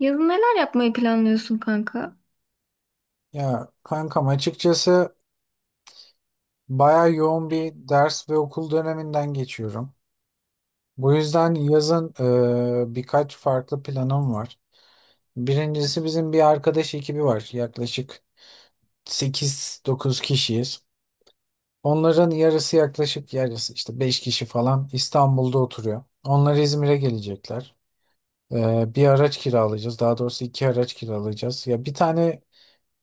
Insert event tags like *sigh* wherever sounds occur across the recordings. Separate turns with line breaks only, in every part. Yazın neler yapmayı planlıyorsun kanka?
Ya kankam, açıkçası bayağı yoğun bir ders ve okul döneminden geçiyorum. Bu yüzden yazın birkaç farklı planım var. Birincisi, bizim bir arkadaş ekibi var. Yaklaşık 8-9 kişiyiz. Onların yarısı, yaklaşık yarısı işte 5 kişi falan İstanbul'da oturuyor. Onlar İzmir'e gelecekler. Bir araç kiralayacağız. Daha doğrusu iki araç kiralayacağız. Ya bir tane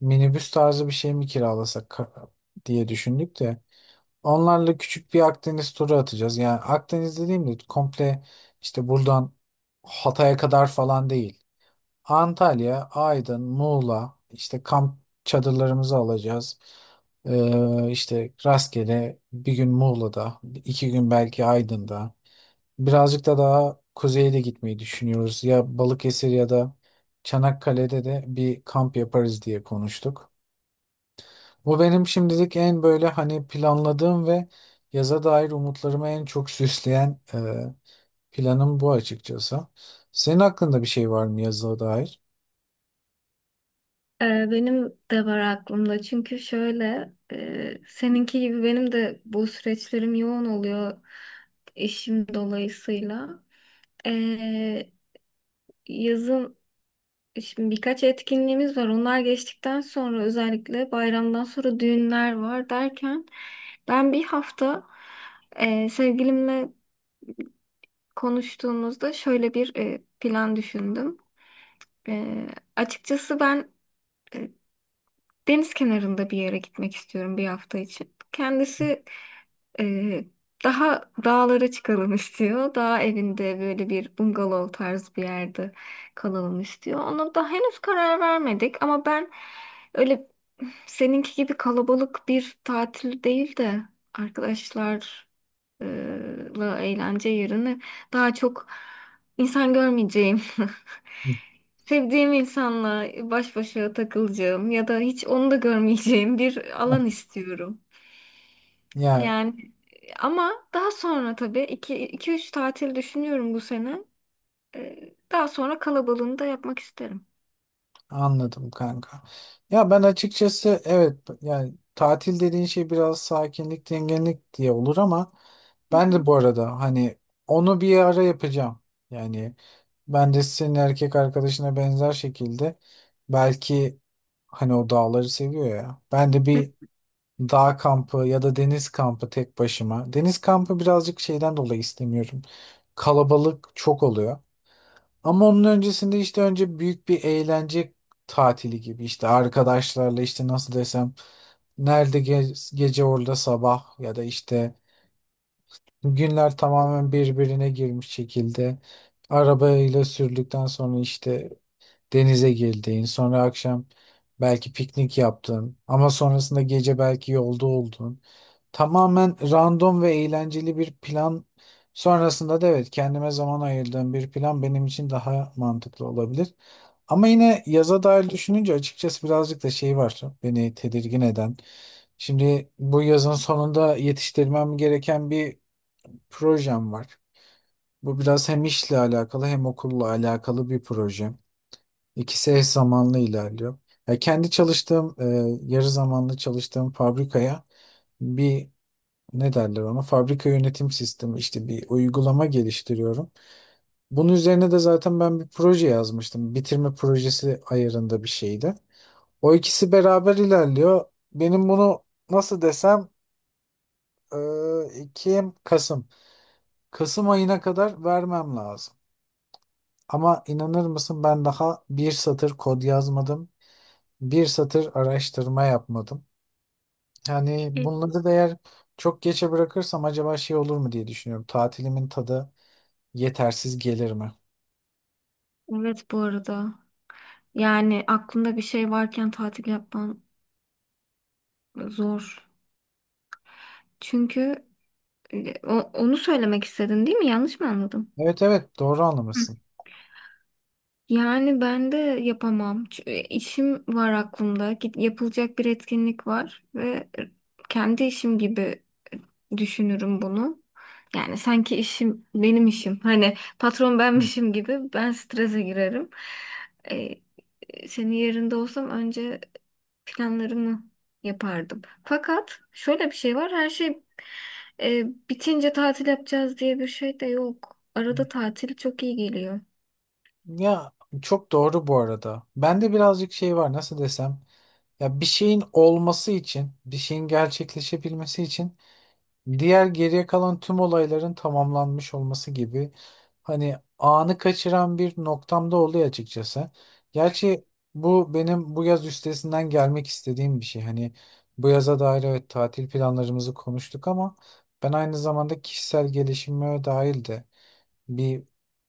minibüs tarzı bir şey mi kiralasak diye düşündük de. Onlarla küçük bir Akdeniz turu atacağız. Yani Akdeniz dediğimde komple işte buradan Hatay'a kadar falan değil. Antalya, Aydın, Muğla, işte kamp çadırlarımızı alacağız. İşte rastgele bir gün Muğla'da, iki gün belki Aydın'da. Birazcık da daha kuzeye de gitmeyi düşünüyoruz. Ya Balıkesir ya da Çanakkale'de de bir kamp yaparız diye konuştuk. Bu benim şimdilik en böyle hani planladığım ve yaza dair umutlarımı en çok süsleyen planım bu, açıkçası. Senin hakkında bir şey var mı yaza dair?
Ee, Benim de var aklımda çünkü şöyle seninki gibi benim de bu süreçlerim yoğun oluyor işim dolayısıyla. Ee, Yazın şimdi birkaç etkinliğimiz var, onlar geçtikten sonra özellikle bayramdan sonra düğünler var derken ben bir hafta sevgilimle konuştuğumuzda şöyle bir plan düşündüm. E, Açıkçası ben e, deniz kenarında bir yere gitmek istiyorum bir hafta için. Kendisi ee, daha dağlara çıkalım *laughs* istiyor. Dağ evinde böyle bir bungalov tarzı bir yerde kalalım istiyor. Ona da henüz karar vermedik, ama ben öyle seninki gibi kalabalık bir tatil değil de arkadaşlar e, la eğlence yerine daha çok insan görmeyeceğim. *laughs*
*laughs*
Sevdiğim insanla baş başa takılacağım ya da hiç onu da görmeyeceğim bir
Hı.
alan istiyorum.
Ya
Yani ama daha sonra tabii 2 3 tatil düşünüyorum bu sene. Daha sonra kalabalığını da yapmak isterim.
anladım kanka. Ya ben açıkçası, evet, yani tatil dediğin şey biraz sakinlik, dinginlik diye olur ama
Hı
ben de
hı.
bu arada hani onu bir ara yapacağım. Yani ben de senin erkek arkadaşına benzer şekilde belki, hani o dağları seviyor ya, ben de
*laughs* Hı.
bir dağ kampı ya da deniz kampı tek başıma. Deniz kampı birazcık şeyden dolayı istemiyorum. Kalabalık çok oluyor. Ama onun öncesinde işte önce büyük bir eğlence tatili gibi, işte arkadaşlarla, işte nasıl desem, nerede gece orada sabah, ya da işte günler tamamen birbirine girmiş şekilde arabayla sürdükten sonra, işte denize girdiğin, sonra akşam belki piknik yaptın, ama sonrasında gece belki yolda oldun. Tamamen random ve eğlenceli bir plan. Sonrasında da evet, kendime zaman ayırdığım bir plan benim için daha mantıklı olabilir. Ama yine yaza dair düşününce açıkçası birazcık da şey var beni tedirgin eden. Şimdi bu yazın sonunda yetiştirmem gereken bir projem var. Bu biraz hem işle alakalı hem okulla alakalı bir proje. İkisi eş zamanlı ilerliyor. Ya kendi çalıştığım, yarı zamanlı çalıştığım fabrikaya bir, ne derler ona, fabrika yönetim sistemi, işte bir uygulama geliştiriyorum. Bunun üzerine de zaten ben bir proje yazmıştım. Bitirme projesi ayarında bir şeydi. O ikisi beraber ilerliyor. Benim bunu nasıl desem, e, Ekim, Kasım. Kasım ayına kadar vermem lazım. Ama inanır mısın, ben daha bir satır kod yazmadım, bir satır araştırma yapmadım. Yani
Evet.
bunları da eğer çok geçe bırakırsam acaba şey olur mu diye düşünüyorum. Tatilimin tadı yetersiz gelir mi?
Evet, bu arada. Yani aklında bir şey varken tatil yapman zor. Çünkü onu söylemek istedin değil mi? Yanlış mı anladım?
Evet, evet, doğru
Hı.
anlamışsın.
Yani ben de yapamam. Çünkü işim var aklımda. Yapılacak bir etkinlik var ve kendi işim gibi düşünürüm bunu. Yani sanki işim benim işim. Hani patron benmişim gibi ben strese girerim. Ee, Senin yerinde olsam önce planlarımı yapardım. Fakat şöyle bir şey var. Her şey e, bitince tatil yapacağız diye bir şey de yok. Arada tatil çok iyi geliyor.
Ya çok doğru bu arada. Bende birazcık şey var, nasıl desem. Ya bir şeyin olması için, bir şeyin gerçekleşebilmesi için diğer geriye kalan tüm olayların tamamlanmış olması gibi, hani anı kaçıran bir noktamda oluyor açıkçası. Gerçi bu benim bu yaz üstesinden gelmek istediğim bir şey. Hani bu yaza dair evet tatil planlarımızı konuştuk ama ben aynı zamanda kişisel gelişime dair de bir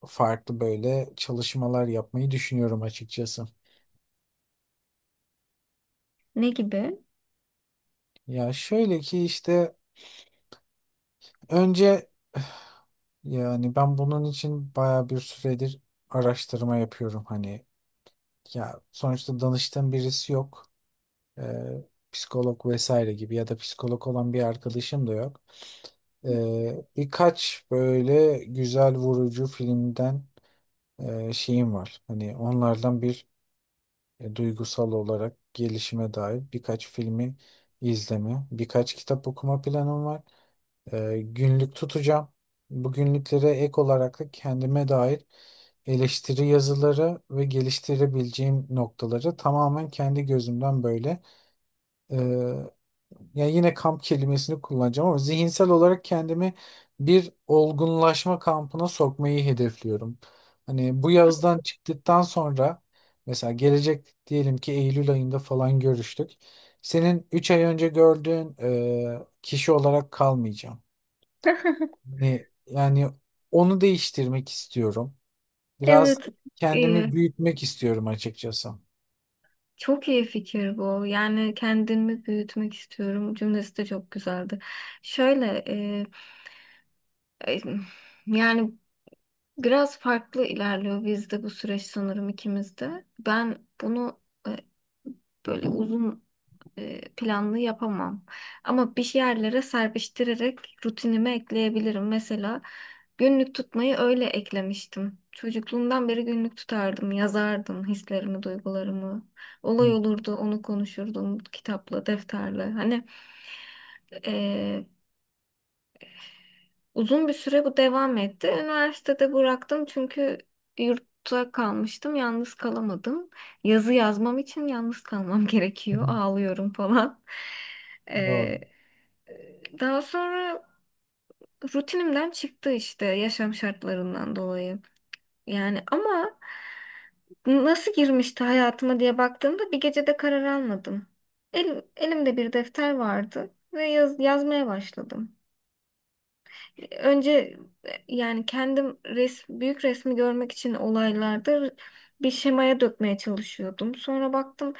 farklı böyle çalışmalar yapmayı düşünüyorum açıkçası.
Ne gibi?
Ya şöyle ki, işte önce *laughs* yani ben bunun için baya bir süredir araştırma yapıyorum. Hani ya, sonuçta danıştığım birisi yok. Psikolog vesaire gibi, ya da psikolog olan bir arkadaşım da yok. Birkaç böyle güzel vurucu filmden şeyim var. Hani onlardan bir, duygusal olarak gelişime dair birkaç filmi izleme, birkaç kitap okuma planım var. Günlük tutacağım. Bu günlüklere ek olarak da kendime dair eleştiri yazıları ve geliştirebileceğim noktaları tamamen kendi gözümden böyle, e, ya yine kamp kelimesini kullanacağım ama zihinsel olarak kendimi bir olgunlaşma kampına sokmayı hedefliyorum. Hani bu yazdan çıktıktan sonra, mesela gelecek diyelim ki Eylül ayında falan görüştük. Senin 3 ay önce gördüğün kişi olarak kalmayacağım.
*laughs*
Hani yani onu değiştirmek istiyorum. Biraz
Evet,
kendimi
iyi.
büyütmek istiyorum, açıkçası.
Çok iyi fikir bu. Yani kendimi büyütmek istiyorum cümlesi de çok güzeldi. Şöyle e, E, Yani biraz farklı ilerliyor bizde bu süreç, sanırım ikimizde. Ben bunu e, böyle planlı yapamam. Ama bir yerlere serpiştirerek rutinime ekleyebilirim. Mesela günlük tutmayı öyle eklemiştim. Çocukluğumdan beri günlük tutardım, yazardım hislerimi, duygularımı. Olay
Hı
olurdu, onu konuşurdum kitapla, defterle. E, Uzun bir süre bu devam etti. Üniversitede bıraktım çünkü yurtta kalmıştım. Yalnız kalamadım. Yazı yazmam için yalnız kalmam *laughs*
hı.
gerekiyor. Ağlıyorum falan.
Doğru.
Ee, Daha sonra rutinimden çıktı işte yaşam şartlarından dolayı. Yani ama nasıl girmişti hayatıma diye baktığımda bir gecede karar almadım. Elimde bir defter vardı ve yazmaya başladım. Önce yani büyük resmi görmek için olaylarda bir şemaya dökmeye çalışıyordum. Sonra baktım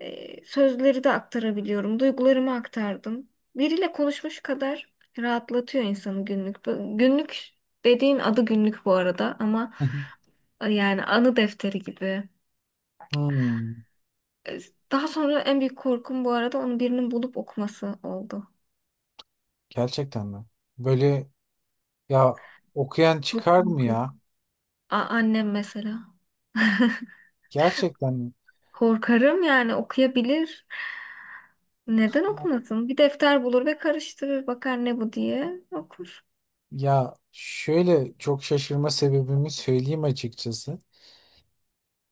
sözleri de aktarabiliyorum. Duygularımı aktardım. Biriyle konuşmuş kadar rahatlatıyor insanı günlük. Günlük dediğin, adı günlük bu arada ama
*laughs*
yani anı defteri gibi.
Hmm,
Daha sonra en büyük korkum bu arada onu birinin bulup okuması oldu.
gerçekten mi? Böyle, ya, okuyan
Çok
çıkar mı
korkuyorum.
ya?
Annem mesela. *laughs*
Gerçekten mi?
Korkarım yani, okuyabilir. Neden okumasın? Bir defter bulur ve karıştırır, bakar ne bu diye okur.
Ya şöyle, çok şaşırma sebebimi söyleyeyim açıkçası.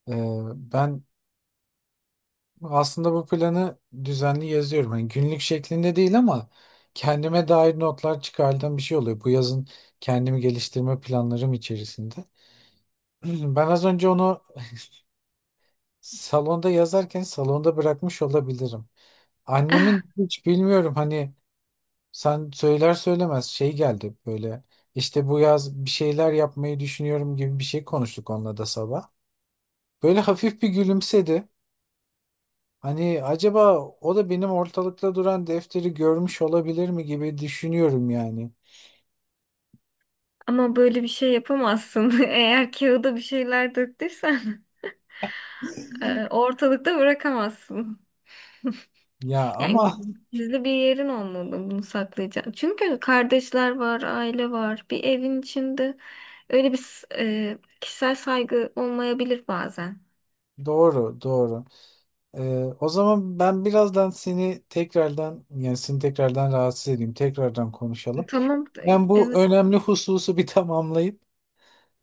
Ee, Ben aslında bu planı düzenli yazıyorum. Hani günlük şeklinde değil ama kendime dair notlar çıkardığım bir şey oluyor. Bu yazın kendimi geliştirme planlarım içerisinde. *clears throat* Ben az önce onu salonda yazarken salonda bırakmış olabilirim. Annemin
*laughs*
hiç bilmiyorum, hani sen söyler söylemez şey geldi böyle. İşte bu yaz bir şeyler yapmayı düşünüyorum gibi bir şey konuştuk onunla da sabah. Böyle hafif bir gülümsedi. Hani acaba o da benim ortalıkta duran defteri görmüş olabilir mi gibi düşünüyorum yani.
Ama böyle bir şey yapamazsın. *laughs* Eğer kağıda bir şeyler döktüysen *laughs* ortalıkta bırakamazsın.
Ya
Yani
ama
gizli bir yerin olmalı, bunu saklayacağın. Çünkü kardeşler var, aile var. Bir evin içinde öyle bir kişisel saygı olmayabilir bazen.
*laughs* doğru, doğru. Ee, O zaman ben birazdan seni tekrardan, yani seni tekrardan rahatsız edeyim. Tekrardan konuşalım.
Tamam.
Ben bu
Evet.
önemli hususu bir *laughs* tamamlayıp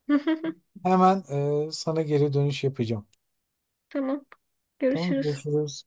*laughs*
hemen sana geri dönüş yapacağım.
Tamam.
Tamam,
Görüşürüz.
görüşürüz.